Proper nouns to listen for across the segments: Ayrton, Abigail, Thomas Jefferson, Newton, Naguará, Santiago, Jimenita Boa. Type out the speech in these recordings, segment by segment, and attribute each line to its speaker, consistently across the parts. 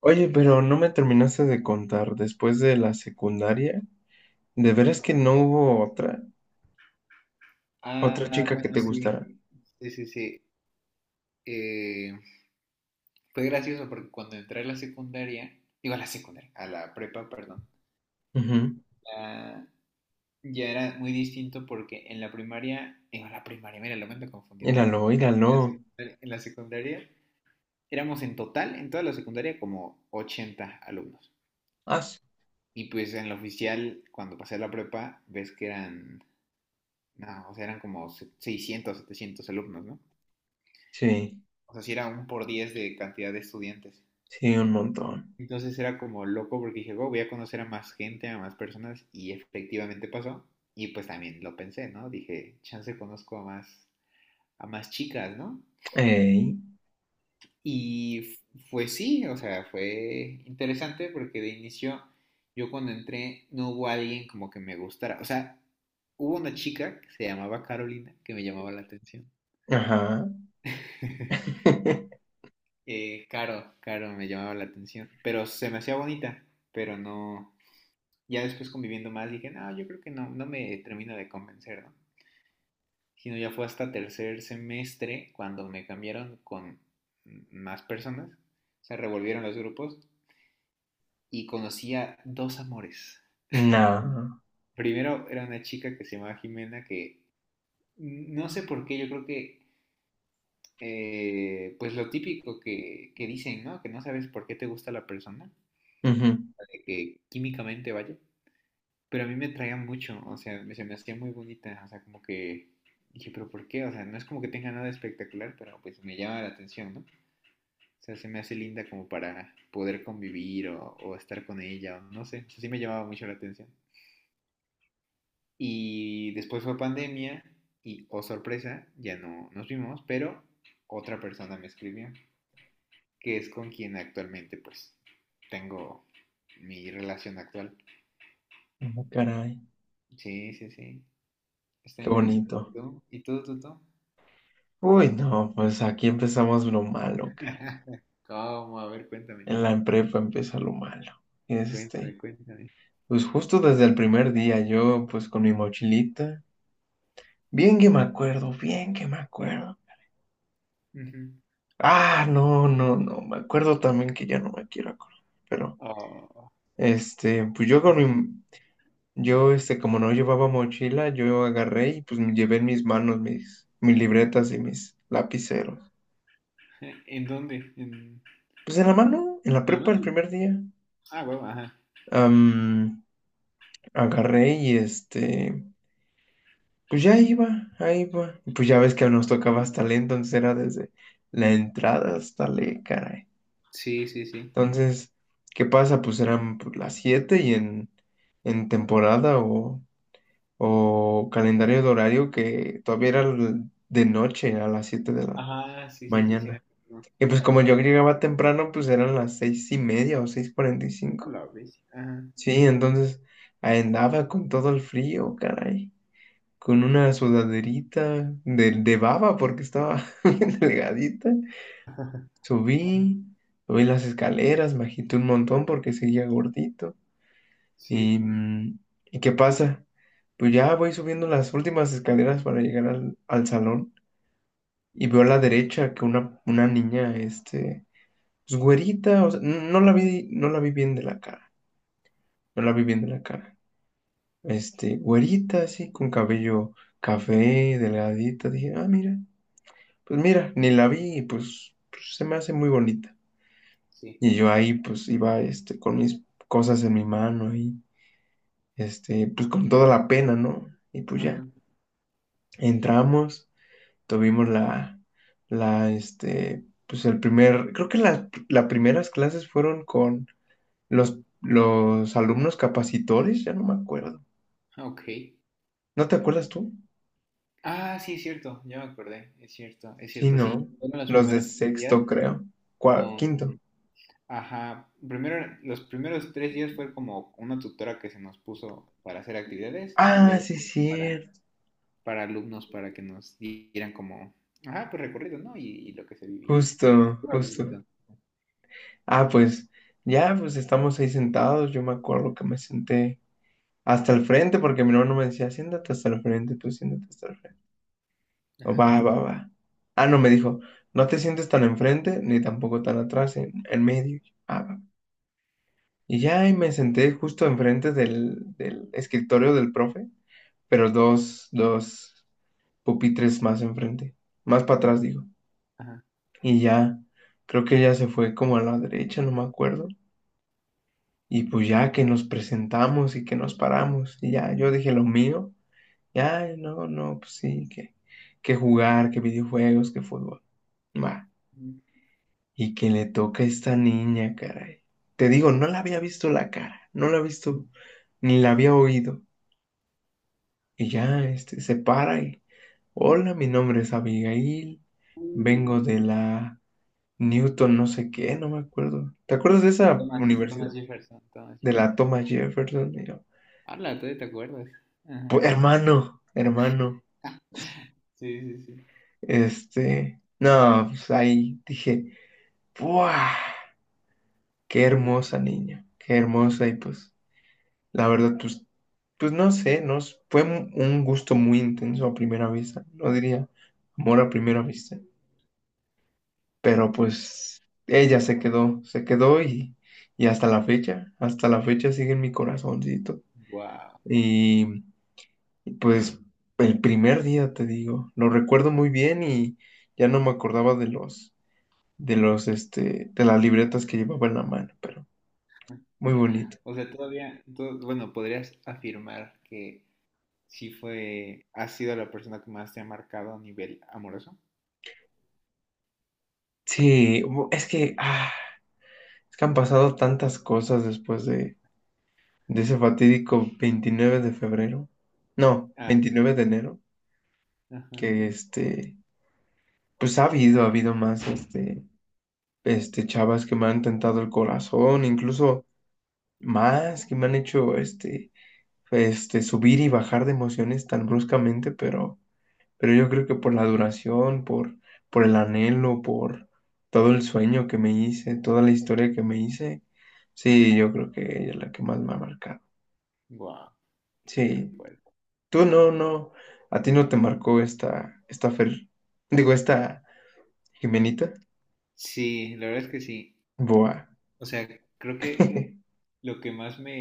Speaker 1: Oye, pero no me terminaste de contar después de la secundaria. ¿De veras que no hubo otra? ¿Otra
Speaker 2: Ah,
Speaker 1: chica
Speaker 2: bueno,
Speaker 1: que te
Speaker 2: sí,
Speaker 1: gustara?
Speaker 2: sí, sí, sí. Eh, Fue gracioso porque cuando entré a la secundaria, digo a la secundaria, a la prepa, perdón,
Speaker 1: Ujú.
Speaker 2: la- ya era muy distinto porque en la primaria, digo, la primaria, mira, lo me ando confundiendo.
Speaker 1: Míralo,
Speaker 2: En la
Speaker 1: míralo.
Speaker 2: secundaria, en la secundaria éramos en total, en toda la secundaria, como 80 alumnos.
Speaker 1: Ah, sí,
Speaker 2: Y pues en la oficial, cuando pasé a la prepa, ves que eran, no, o sea, eran como 600, 700 alumnos, ¿no?
Speaker 1: sí,
Speaker 2: O sea, sí era un por 10 de cantidad de estudiantes.
Speaker 1: sí, un montón.
Speaker 2: Entonces era como loco porque dije, "Wow, voy a conocer a más gente, a más personas", y efectivamente pasó. Y pues también lo pensé, ¿no? Dije, chance conozco a más chicas, ¿no?
Speaker 1: Ey,
Speaker 2: Y fue sí, o sea, fue interesante porque de inicio yo cuando entré no hubo alguien como que me gustara. O sea, hubo una chica que se llamaba Carolina que me llamaba la atención.
Speaker 1: ajá.
Speaker 2: Caro me llamaba la atención, pero se me hacía bonita, pero no. Ya después conviviendo más dije, no, yo creo que no, no me termina de convencer, ¿no? Sino ya fue hasta tercer semestre cuando me cambiaron con más personas, se revolvieron los grupos y conocí a dos amores.
Speaker 1: No.
Speaker 2: Primero era una chica que se llamaba Jimena que no sé por qué, yo creo que pues lo típico que dicen, ¿no? Que no sabes por qué te gusta la persona,
Speaker 1: Ujú.
Speaker 2: que químicamente vaya. Pero a mí me traía mucho, o sea, se me hacía muy bonita, o sea, como que dije, pero ¿por qué? O sea, no es como que tenga nada espectacular, pero pues me llama la atención, ¿no? O sea, se me hace linda como para poder convivir o estar con ella, o no sé, o sea, sí me llamaba mucho la atención. Y después fue pandemia y, oh sorpresa, ya no nos vimos, pero otra persona me escribió, que es con quien actualmente pues tengo mi relación actual.
Speaker 1: Ah, caray,
Speaker 2: Sí, sí, sí, está
Speaker 1: qué
Speaker 2: interesante. ¿Y
Speaker 1: bonito.
Speaker 2: tú? ¿Y tú?
Speaker 1: Uy, no, pues aquí empezamos lo malo, caray.
Speaker 2: ¿Cómo? A ver, cuéntame.
Speaker 1: En la prepa empieza lo malo.
Speaker 2: Cuéntame,
Speaker 1: Este,
Speaker 2: cuéntame.
Speaker 1: pues justo desde el primer día, yo pues con mi mochilita. Bien que me acuerdo, bien que me acuerdo.
Speaker 2: Ujú.
Speaker 1: Ah, no, no, no, me acuerdo también que ya no me quiero acordar. Pero,
Speaker 2: Oh,
Speaker 1: pues
Speaker 2: es-
Speaker 1: yo, como no llevaba mochila, yo agarré y pues me llevé en mis manos mis libretas y mis lapiceros.
Speaker 2: ¿En dónde? ¿En,
Speaker 1: Pues en la mano, en la
Speaker 2: en la
Speaker 1: prepa el
Speaker 2: mano?
Speaker 1: primer día.
Speaker 2: Ah, huevo, ajá.
Speaker 1: Am, agarré y pues ya iba, ahí iba. Pues ya ves que nos tocaba hasta lento, entonces era desde la entrada, caray.
Speaker 2: Sí, sí, sí.
Speaker 1: Entonces, ¿qué pasa? Pues eran las 7 y en temporada o calendario de horario que todavía era de noche, a las 7 de la
Speaker 2: Ajá, sí, sí, sí, sí, me
Speaker 1: mañana.
Speaker 2: acuerdo.
Speaker 1: Y pues como yo llegaba temprano, pues eran las 6:30 o seis cuarenta y
Speaker 2: A
Speaker 1: cinco
Speaker 2: la bestia. Ajá.
Speaker 1: Sí, entonces ahí andaba con todo el frío, caray, con una sudaderita de baba porque estaba bien delgadita.
Speaker 2: Ajá.
Speaker 1: Subí, subí las escaleras, me agité un montón porque seguía gordito.
Speaker 2: Sí,
Speaker 1: Y, mm, ¿y qué pasa? Pues ya voy subiendo las últimas escaleras para llegar al salón y veo a la derecha que una niña, pues güerita, o sea, no la vi bien de la cara, no la vi bien de la cara. Güerita, así, con cabello café, delgadita, dije, ah, mira, ni la vi y pues, se me hace muy bonita.
Speaker 2: sí.
Speaker 1: Y yo ahí, pues iba, con mis cosas en mi mano ahí, pues con toda la pena, ¿no? Y pues
Speaker 2: Ajá.
Speaker 1: ya. Entramos, tuvimos la, la, este, pues el primer, creo que las primeras clases fueron con los alumnos capacitores, ya no me acuerdo.
Speaker 2: Ok.
Speaker 1: ¿No te acuerdas tú?
Speaker 2: Ah, sí, es cierto. Ya me acordé. Es
Speaker 1: Sí,
Speaker 2: cierto, sí.
Speaker 1: no,
Speaker 2: Fueron los
Speaker 1: los de
Speaker 2: primeros 3 días
Speaker 1: sexto, creo. Cua-
Speaker 2: con...
Speaker 1: quinto.
Speaker 2: Ajá. Primero, los primeros 3 días fue como una tutora que se nos puso para hacer actividades y
Speaker 1: Ah,
Speaker 2: luego...
Speaker 1: sí, cierto.
Speaker 2: para alumnos para que nos dieran como, ajá, pues recorrido, ¿no? Y lo que se vivía.
Speaker 1: Justo, justo. Ah, pues ya, pues estamos ahí sentados. Yo me acuerdo que me senté hasta el frente porque mi hermano me decía, siéntate hasta el frente, tú siéntate hasta el frente. Va,
Speaker 2: Ajá,
Speaker 1: va, va. Ah, no, me dijo, no te sientes tan enfrente ni tampoco tan atrás, en medio. Ah, va. Y ya ahí me senté justo enfrente del escritorio del profe, pero dos pupitres más enfrente, más para atrás, digo.
Speaker 2: ajá.
Speaker 1: Y ya, creo que ella se fue como a la derecha, no me acuerdo. Y pues ya que nos presentamos y que nos paramos, y ya yo dije lo mío, ya, no, no, pues sí, que jugar, que videojuegos, que fútbol. Va. Y que le toca a esta niña, caray. Te digo, no la había visto la cara, no la había visto, ni la había oído. Y ya, se para y, hola, mi nombre es Abigail,
Speaker 2: Uy,
Speaker 1: vengo de la Newton, no sé qué, no me acuerdo. ¿Te acuerdas de esa universidad?
Speaker 2: Thomas Jefferson, Thomas
Speaker 1: De
Speaker 2: Jefferson.
Speaker 1: la Thomas Jefferson. Y yo,
Speaker 2: Habla, todavía te acuerdas. Ajá.
Speaker 1: "Hermano, hermano,
Speaker 2: Sí, sí, sí.
Speaker 1: no, pues ahí dije, ¡buah! ¡Qué hermosa niña! ¡Qué hermosa! Y pues la verdad, pues, no sé, nos fue un gusto muy intenso a primera vista, no diría amor a primera vista, pero pues ella se quedó y hasta la fecha sigue en mi corazoncito.
Speaker 2: Wow.
Speaker 1: Y y pues el primer día, te digo, lo recuerdo muy bien y ya no me acordaba de las libretas que llevaba en la mano, pero muy bonito.
Speaker 2: O sea, todavía, bueno, podrías afirmar que sí fue, ha sido la persona que más te ha marcado a nivel amoroso.
Speaker 1: Sí, es que han pasado tantas cosas después de ese fatídico 29 de febrero, no,
Speaker 2: Ah,
Speaker 1: 29 de enero,
Speaker 2: ajá.
Speaker 1: que pues ha habido más, chavas que me han tentado el corazón, incluso más, que me han hecho, subir y bajar de emociones tan bruscamente, pero yo creo que por la duración, por el anhelo, por todo el sueño que me hice, toda la historia que me hice, sí, yo creo que ella es la que más me ha marcado.
Speaker 2: Wow, qué
Speaker 1: Sí,
Speaker 2: fuerte,
Speaker 1: tú
Speaker 2: qué
Speaker 1: no,
Speaker 2: fuerte.
Speaker 1: no, a ti no te marcó esta Fer, digo, esta Jimenita
Speaker 2: Sí, la verdad es que sí.
Speaker 1: Boa.
Speaker 2: O sea, creo que lo que más me,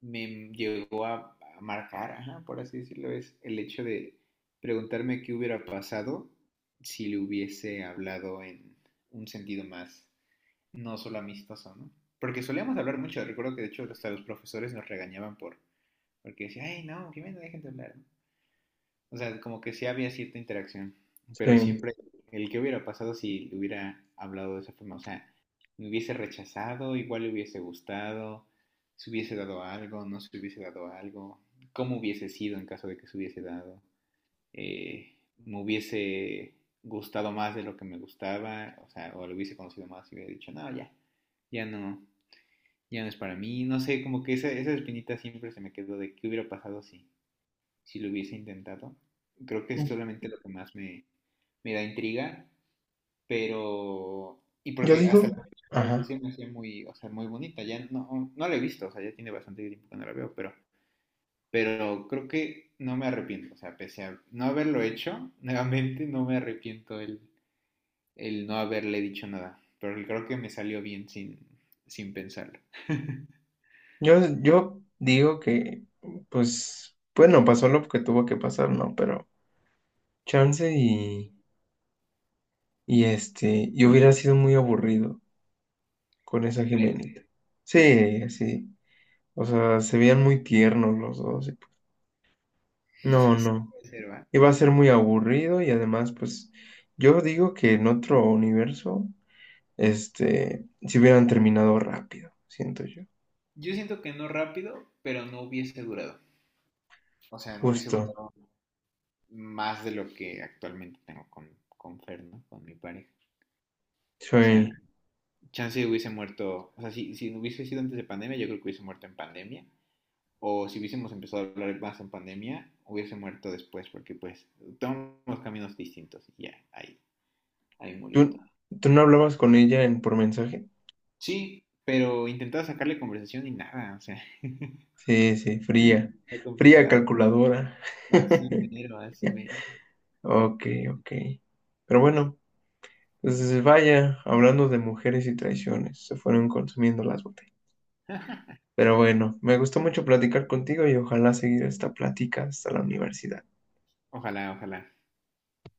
Speaker 2: me llegó a marcar, ajá, por así decirlo, es el hecho de preguntarme qué hubiera pasado si le hubiese hablado en un sentido más, no solo amistoso, ¿no? Porque solíamos hablar mucho, recuerdo que de hecho hasta los profesores nos regañaban porque decían, ay, no, que me dejen de hablar, ¿no? O sea, como que sí había cierta interacción, pero
Speaker 1: Sí.
Speaker 2: siempre el que hubiera pasado si le hubiera hablado de esa forma, o sea, me hubiese rechazado, igual le hubiese gustado, se hubiese dado algo, no se hubiese dado algo, cómo hubiese sido en caso de que se hubiese dado, eh, me hubiese gustado más de lo que me gustaba, o sea, o lo hubiese conocido más y hubiera dicho, no, ya, ya no, ya no es para mí, no sé, como que esa espinita siempre se me quedó de qué hubiera pasado si, lo hubiese intentado. Creo que es solamente lo que más me da intriga, pero... Y
Speaker 1: Yo
Speaker 2: porque hasta
Speaker 1: digo,
Speaker 2: la fecha, o sea, sí
Speaker 1: ajá,
Speaker 2: se me hacía muy, o sea, muy bonita. Ya no, no la he visto, o sea, ya tiene bastante tiempo que no la veo, pero creo que no me arrepiento. O sea, pese a no haberlo hecho, nuevamente no me arrepiento el no haberle dicho nada. Pero creo que me salió bien sin pensarlo.
Speaker 1: yo, yo digo que, pues, bueno, pasó lo que tuvo que pasar, ¿no? Pero chance y hubiera sido muy aburrido con esa
Speaker 2: ¿Crees?
Speaker 1: Jimenita. Sí, sí, o sea, se veían muy tiernos los dos. Y pues, no,
Speaker 2: Sí,
Speaker 1: no.
Speaker 2: puede ser, ¿va?
Speaker 1: Y va a ser muy aburrido y además, pues, yo digo que en otro universo, si hubieran terminado rápido, siento yo.
Speaker 2: Yo siento que no rápido, pero no hubiese durado. O sea, no hubiese
Speaker 1: Justo.
Speaker 2: durado más de lo que actualmente tengo con Fer, ¿no? Con mi pareja. O sea,
Speaker 1: Soy...
Speaker 2: chance hubiese muerto, o sea, si no hubiese sido antes de pandemia, yo creo que hubiese muerto en pandemia. O si hubiésemos empezado a hablar más en pandemia, hubiese muerto después, porque pues tomamos caminos distintos y ya, ahí murió
Speaker 1: ¿Tú,
Speaker 2: todo.
Speaker 1: tú no hablabas con ella en por mensaje?
Speaker 2: Sí, pero intentaba sacarle conversación y nada, o sea,
Speaker 1: Sí, sí, fría.
Speaker 2: fue
Speaker 1: Fría
Speaker 2: complicado.
Speaker 1: calculadora.
Speaker 2: Así mero, así mero.
Speaker 1: Ok, ok. Pero
Speaker 2: Sí.
Speaker 1: bueno, pues vaya, hablando de mujeres y traiciones, se fueron consumiendo las botellas. Pero bueno, me gustó mucho platicar contigo y ojalá seguir esta plática hasta la universidad.
Speaker 2: Ojalá, ojalá